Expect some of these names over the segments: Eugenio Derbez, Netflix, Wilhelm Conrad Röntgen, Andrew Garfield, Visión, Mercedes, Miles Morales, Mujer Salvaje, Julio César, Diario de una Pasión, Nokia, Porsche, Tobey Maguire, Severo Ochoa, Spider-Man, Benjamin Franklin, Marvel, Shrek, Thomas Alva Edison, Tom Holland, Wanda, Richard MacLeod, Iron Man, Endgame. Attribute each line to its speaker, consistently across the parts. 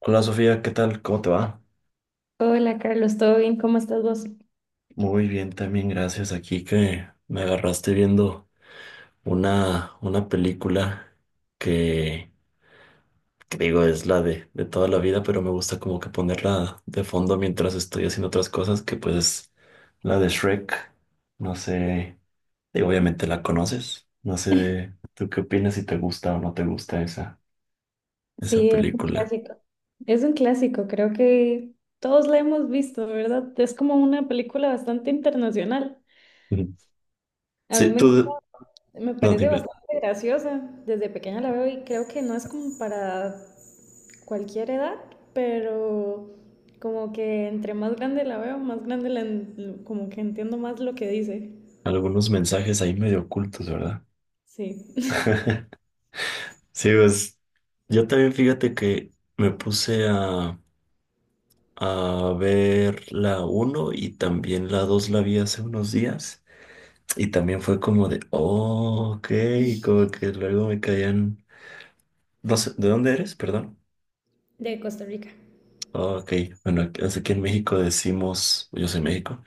Speaker 1: Hola Sofía, ¿qué tal? ¿Cómo te va?
Speaker 2: Hola Carlos, ¿todo bien? ¿Cómo estás vos?
Speaker 1: Muy bien, también gracias. Aquí que me agarraste viendo una película que, que digo es la de toda la vida, pero me gusta como que ponerla de fondo mientras estoy haciendo otras cosas, que pues es la de Shrek. No sé, digo, obviamente la conoces. No sé, ¿tú qué opinas si te gusta o no te gusta esa
Speaker 2: Sí, es un
Speaker 1: película?
Speaker 2: clásico. Es un clásico, creo que todos la hemos visto, ¿verdad? Es como una película bastante internacional.
Speaker 1: Ujú.
Speaker 2: A mí
Speaker 1: Sí,
Speaker 2: me
Speaker 1: tú,
Speaker 2: encanta, me
Speaker 1: no,
Speaker 2: parece
Speaker 1: dime,
Speaker 2: bastante graciosa. Desde pequeña la veo y creo que no es como para cualquier edad, pero como que entre más grande la veo, más grande como que entiendo más lo que dice.
Speaker 1: algunos mensajes ahí medio ocultos, ¿verdad?
Speaker 2: Sí.
Speaker 1: Sí, pues yo también fíjate que me puse a ver la uno y también la 2 la vi hace unos días y también fue como de, oh, ok, como que luego me caían, no sé, ¿de dónde eres? Perdón.
Speaker 2: De Costa Rica.
Speaker 1: Oh, ok, bueno, aquí es aquí en México decimos, yo soy de México,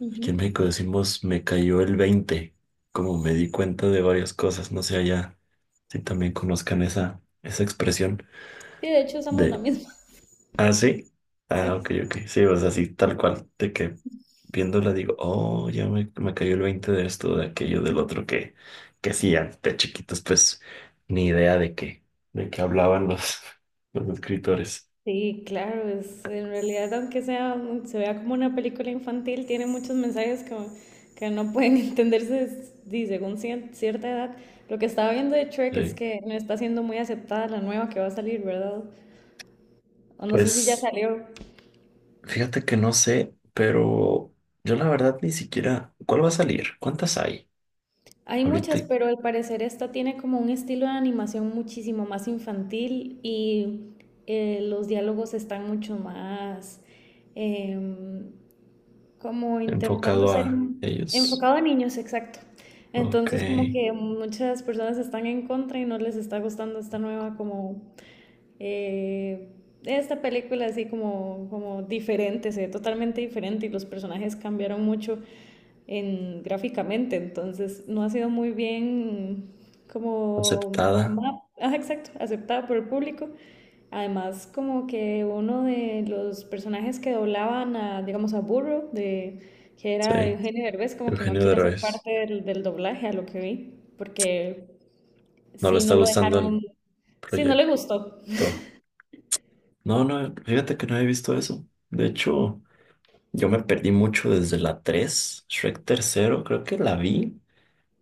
Speaker 2: Ujú.
Speaker 1: aquí en México decimos me cayó el 20 como me di cuenta de varias cosas, no sé allá si también conozcan esa expresión.
Speaker 2: Sí, de hecho usamos la misma.
Speaker 1: Ah, sí. Ah,
Speaker 2: Sí,
Speaker 1: ok,
Speaker 2: sí.
Speaker 1: ok. Sí, o sea, así tal cual, de que viéndola digo, oh, ya me cayó el 20 de esto, de aquello, del otro, que sí, de chiquitos, pues, ni idea de qué hablaban los, los escritores.
Speaker 2: Sí, claro, es, en realidad aunque sea, se vea como una película infantil, tiene muchos mensajes que no pueden entenderse sí, según cierta edad. Lo que estaba viendo de Shrek es
Speaker 1: Sí.
Speaker 2: que no está siendo muy aceptada la nueva que va a salir, ¿verdad? O no sé si ya
Speaker 1: Pues,
Speaker 2: salió.
Speaker 1: fíjate que no sé, pero yo la verdad ni siquiera, ¿cuál va a salir? ¿Cuántas hay?
Speaker 2: Hay
Speaker 1: Ahorita
Speaker 2: muchas, pero al parecer esta tiene como un estilo de animación muchísimo más infantil y los diálogos están mucho más... em, como intentando
Speaker 1: enfocado
Speaker 2: ser
Speaker 1: a ellos.
Speaker 2: enfocado a niños, exacto.
Speaker 1: Ok,
Speaker 2: Entonces, como que muchas personas están en contra y no les está gustando esta nueva, como, eh, esta película así como, como diferente, se ve totalmente diferente y los personajes cambiaron mucho en, gráficamente, entonces no ha sido muy bien como
Speaker 1: aceptada.
Speaker 2: exacto, aceptado por el público. Además, como que uno de los personajes que doblaban a, digamos, a Burro, de, que era
Speaker 1: Sí,
Speaker 2: Eugenio Derbez, como que no
Speaker 1: Eugenio
Speaker 2: quiere ser
Speaker 1: Derbez.
Speaker 2: parte del doblaje, a lo que vi, porque
Speaker 1: No le
Speaker 2: sí
Speaker 1: está
Speaker 2: no lo
Speaker 1: gustando
Speaker 2: dejaron,
Speaker 1: el
Speaker 2: sí no le
Speaker 1: proyecto.
Speaker 2: gustó.
Speaker 1: No, no, fíjate que no he visto eso. De hecho, yo me perdí mucho desde la 3 Shrek tercero, creo que la vi,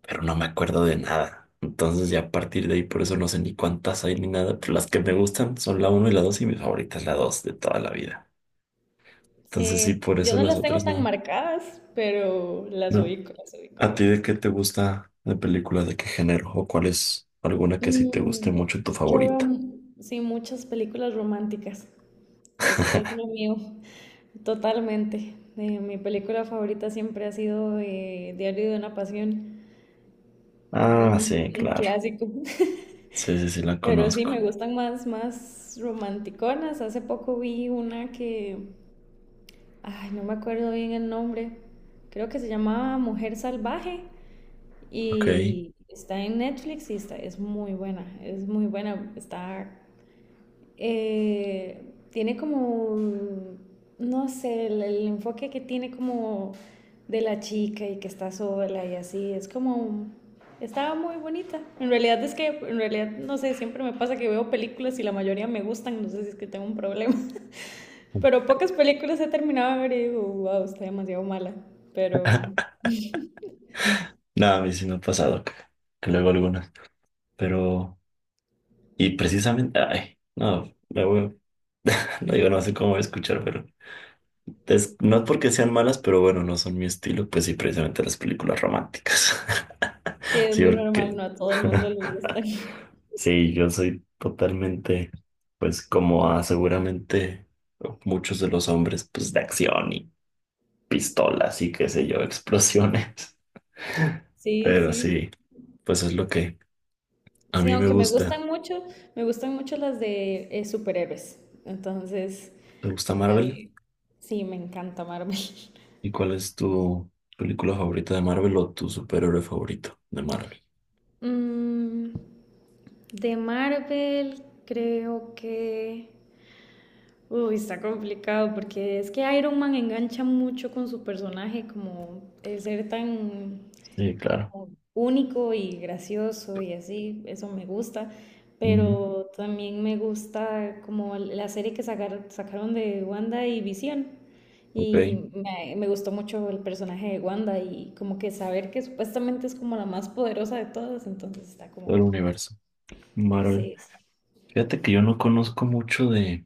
Speaker 1: pero no me acuerdo de nada. Entonces ya a partir de ahí, por eso no sé ni cuántas hay ni nada, pero las que me gustan son la uno y la 2 y mi favorita es la 2 de toda la vida. Entonces sí,
Speaker 2: Sí,
Speaker 1: por
Speaker 2: yo
Speaker 1: eso
Speaker 2: no
Speaker 1: las
Speaker 2: las tengo
Speaker 1: otras
Speaker 2: tan
Speaker 1: no.
Speaker 2: marcadas, pero
Speaker 1: No.
Speaker 2: las ubico,
Speaker 1: ¿A ti de
Speaker 2: digamos.
Speaker 1: qué te gusta de película? ¿De qué género? ¿O cuál es alguna que sí te guste
Speaker 2: Mm,
Speaker 1: mucho tu
Speaker 2: yo veo,
Speaker 1: favorita?
Speaker 2: sí, muchas películas románticas. Es lo mío, totalmente. Mi película favorita siempre ha sido Diario de una Pasión,
Speaker 1: Ah, sí,
Speaker 2: un
Speaker 1: claro.
Speaker 2: clásico.
Speaker 1: Sí, sí, sí, la
Speaker 2: Pero sí, me
Speaker 1: conozco.
Speaker 2: gustan más, más romanticonas. Hace poco vi una que, ay, no me acuerdo bien el nombre. Creo que se llamaba Mujer Salvaje
Speaker 1: Ok.
Speaker 2: y está en Netflix y está, es muy buena, es muy buena. Está tiene como, no sé, el enfoque que tiene como de la chica y que está sola y así, es como, estaba muy bonita. En realidad es que, en realidad, no sé, siempre me pasa que veo películas y la mayoría me gustan, no sé si es que tengo un problema, pero pocas películas he terminado de ver y digo, wow, está demasiado mala, pero
Speaker 1: No, a mí sí me ha pasado que luego algunas, pero... Y precisamente, ay, no, no digo, no sé cómo voy a escuchar, pero... no es porque sean malas, pero bueno, no son mi estilo, pues sí, precisamente las películas románticas.
Speaker 2: sí, es
Speaker 1: Sí,
Speaker 2: muy normal,
Speaker 1: porque...
Speaker 2: no a todo el mundo le gusta.
Speaker 1: Sí, yo soy totalmente, pues como a seguramente muchos de los hombres, pues de acción y pistolas y qué sé yo, explosiones.
Speaker 2: Sí,
Speaker 1: Pero
Speaker 2: sí.
Speaker 1: sí, pues es lo que a
Speaker 2: Sí,
Speaker 1: mí me
Speaker 2: aunque
Speaker 1: gusta.
Speaker 2: me gustan mucho las de superhéroes. Entonces,
Speaker 1: ¿Te gusta Marvel?
Speaker 2: ahí- sí, me encanta Marvel.
Speaker 1: ¿Y cuál es tu película favorita de Marvel o tu superhéroe favorito de Marvel?
Speaker 2: Mm, de Marvel, creo que... Uy, está complicado porque es que Iron Man engancha mucho con su personaje, como el ser tan
Speaker 1: Sí, claro.
Speaker 2: como único y gracioso y así, eso me gusta,
Speaker 1: Ujú.
Speaker 2: pero también me gusta como la serie que sacaron de Wanda y Visión.
Speaker 1: Ok,
Speaker 2: Y me gustó mucho el personaje de Wanda y como que saber que supuestamente es como la más poderosa de todas, entonces está
Speaker 1: todo el
Speaker 2: como,
Speaker 1: universo Marvel.
Speaker 2: sí. Sí.
Speaker 1: Fíjate que yo no conozco mucho de...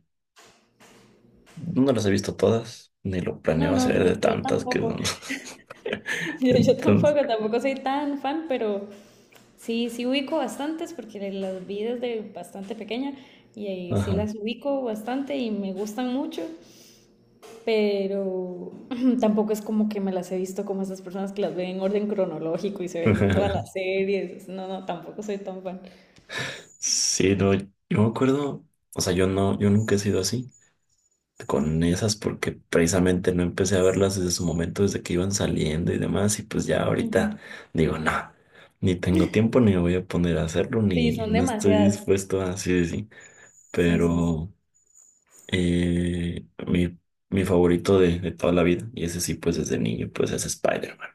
Speaker 1: No las he visto todas, ni lo
Speaker 2: No,
Speaker 1: planeo
Speaker 2: no,
Speaker 1: hacer
Speaker 2: yo,
Speaker 1: de
Speaker 2: yo
Speaker 1: tantas que
Speaker 2: tampoco,
Speaker 1: son.
Speaker 2: yo tampoco,
Speaker 1: Entonces,
Speaker 2: tampoco soy tan fan, pero sí, sí ubico bastantes porque las vi desde bastante pequeña y ahí sí
Speaker 1: ajá.
Speaker 2: las ubico bastante y me gustan mucho, pero tampoco es como que me las he visto como esas personas que las ven en orden cronológico y se ven todas las series. No, no, tampoco soy tan fan.
Speaker 1: Sí, no, yo me acuerdo, o sea, yo nunca he sido así con esas porque precisamente no empecé a verlas desde su momento, desde que iban saliendo y demás, y pues ya ahorita
Speaker 2: Ujú.
Speaker 1: digo, no, ni tengo tiempo, ni me voy a poner a hacerlo,
Speaker 2: Sí,
Speaker 1: ni
Speaker 2: son
Speaker 1: no estoy
Speaker 2: demasiadas.
Speaker 1: dispuesto a así decir,
Speaker 2: Sí, son sí.
Speaker 1: pero eh, mi, mi favorito de toda la vida, y ese sí, pues desde niño, pues es Spider-Man.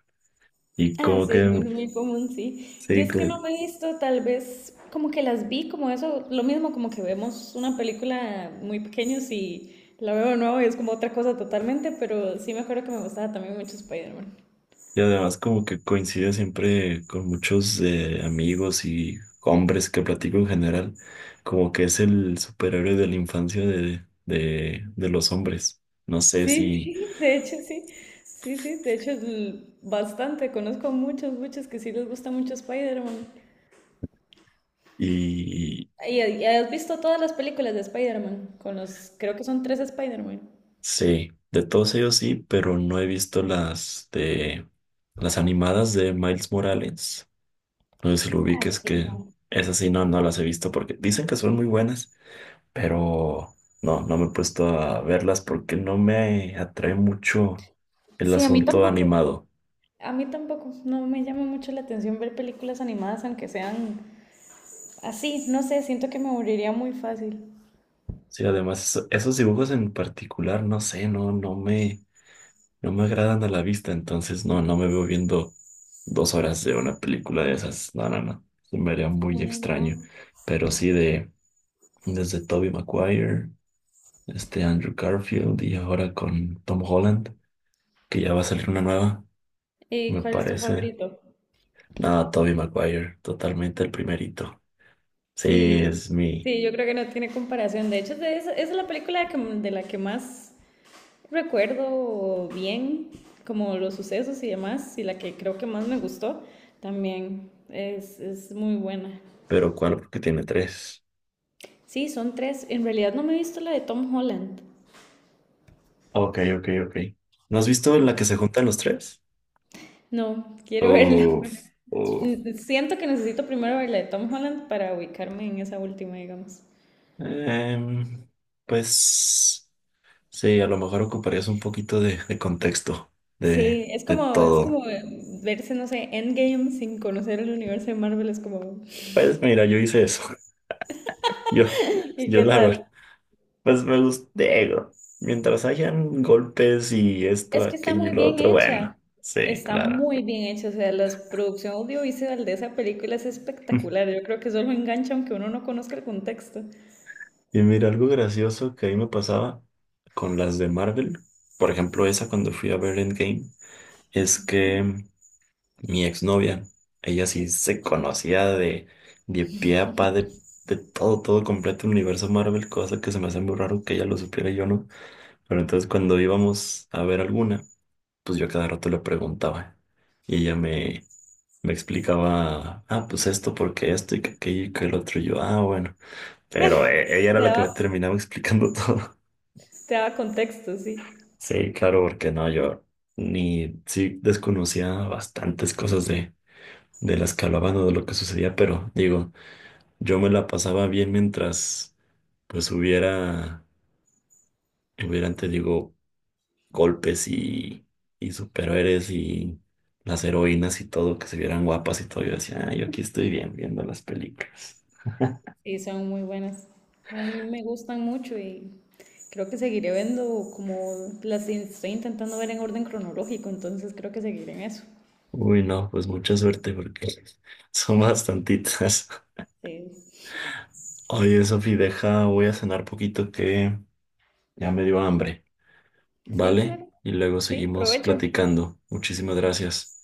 Speaker 1: Y
Speaker 2: Ah,
Speaker 1: como
Speaker 2: sí, es
Speaker 1: que,
Speaker 2: muy, muy común, sí. Yo
Speaker 1: sí,
Speaker 2: es que
Speaker 1: como.
Speaker 2: no me he visto, tal vez como que las vi como eso, lo mismo como que vemos una película muy pequeños y la veo de nuevo y es como otra cosa totalmente, pero sí me acuerdo que me gustaba también mucho Spider-Man.
Speaker 1: Y además como que coincide siempre con muchos amigos y hombres que platico en general, como que es el superhéroe de la infancia de los hombres. No sé
Speaker 2: Sí,
Speaker 1: si,
Speaker 2: sí, de hecho sí, sí, sí, de hecho bastante, conozco muchos, muchos que sí les gusta mucho Spider-Man.
Speaker 1: y
Speaker 2: ¿Y has visto todas las películas de Spider-Man? Con los, creo que son tres Spider-Man.
Speaker 1: sí, de todos ellos sí, pero no he visto las de las animadas de Miles Morales. No sé si lo
Speaker 2: Ah,
Speaker 1: ubiques
Speaker 2: sí.
Speaker 1: que esas sí no, no las he visto porque dicen que son muy buenas, pero no, no me he puesto a verlas porque no me atrae mucho el
Speaker 2: Sí, a mí
Speaker 1: asunto
Speaker 2: tampoco.
Speaker 1: animado.
Speaker 2: A mí tampoco, no me llama mucho la atención ver películas animadas, aunque sean así, no sé, siento que me aburriría muy fácil.
Speaker 1: Sí, además esos dibujos en particular, no sé, no me agradan a la vista, entonces no, no me veo viendo dos horas de una película de esas. No, no, no, se me haría
Speaker 2: Sí,
Speaker 1: muy
Speaker 2: no.
Speaker 1: extraño. Pero sí de desde Tobey Maguire, este Andrew Garfield y ahora con Tom Holland, que ya va a salir una nueva,
Speaker 2: ¿Y
Speaker 1: me
Speaker 2: cuál es tu
Speaker 1: parece.
Speaker 2: favorito?
Speaker 1: No, Toby Maguire, totalmente el primerito. Sí,
Speaker 2: Sí,
Speaker 1: es mi.
Speaker 2: sí, yo creo que no tiene comparación. De hecho, de esa, esa es la película de la que más recuerdo bien, como los sucesos y demás, y la que creo que más me gustó también. Es muy buena.
Speaker 1: Pero ¿cuál? Porque tiene tres.
Speaker 2: Sí, son tres. En realidad no me he visto la de Tom Holland.
Speaker 1: Ok, ok, ok. ¿No has visto la que se juntan los tres?
Speaker 2: No, quiero verla.
Speaker 1: Uf, uf.
Speaker 2: Mm, siento que necesito primero ver la de Tom Holland para ubicarme en esa última, digamos.
Speaker 1: Em, pues sí, a lo mejor ocuparías un poquito de contexto
Speaker 2: Sí,
Speaker 1: de
Speaker 2: es
Speaker 1: todo.
Speaker 2: como verse, no sé, Endgame sin conocer el universo de Marvel, es como,
Speaker 1: Pues mira, yo hice eso. Yo,
Speaker 2: ¿y
Speaker 1: yo
Speaker 2: qué
Speaker 1: la verdad,
Speaker 2: tal?
Speaker 1: pues me gusté. Digo, mientras hayan golpes y esto,
Speaker 2: Es que está
Speaker 1: aquello y
Speaker 2: muy
Speaker 1: lo
Speaker 2: bien
Speaker 1: otro, bueno,
Speaker 2: hecha,
Speaker 1: sí,
Speaker 2: está
Speaker 1: claro.
Speaker 2: muy bien hecha, o sea, la producción audiovisual de esa película es espectacular, yo creo que solo engancha aunque uno no conozca el contexto.
Speaker 1: Y mira, algo gracioso que ahí me pasaba con las de Marvel, por ejemplo, esa cuando fui a ver Endgame, es que mi exnovia, ella sí se conocía de pie a pa de todo, todo completo el universo Marvel, cosa que se me hace muy raro que ella lo supiera y yo no. Pero entonces cuando íbamos a ver alguna, pues yo a cada rato le preguntaba y me explicaba, ah, pues esto, porque esto y que aquello y que el otro, y yo, ah, bueno. Pero ella era
Speaker 2: Te
Speaker 1: la que me
Speaker 2: daba,
Speaker 1: terminaba explicando todo.
Speaker 2: te daba contexto, sí.
Speaker 1: Sí, claro, porque no, yo ni sí desconocía bastantes cosas de las que hablaban o de lo que sucedía, pero digo, yo me la pasaba bien mientras pues hubiera, hubieran, te digo, golpes y superhéroes y las heroínas y todo, que se vieran guapas y todo. Yo decía, ah, yo aquí estoy bien viendo las películas.
Speaker 2: Y son muy buenas. A mí me gustan mucho y creo que seguiré viendo como estoy intentando ver en orden cronológico, entonces creo que seguiré en eso.
Speaker 1: Uy, no, pues mucha suerte porque son bastantitas.
Speaker 2: Sí,
Speaker 1: Oye, Sofi, deja, voy a cenar poquito que ya me dio hambre.
Speaker 2: sí,
Speaker 1: Vale,
Speaker 2: claro.
Speaker 1: y luego
Speaker 2: Sí,
Speaker 1: seguimos
Speaker 2: provecho.
Speaker 1: platicando. Muchísimas gracias.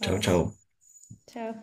Speaker 1: Chao, chao.
Speaker 2: Chao.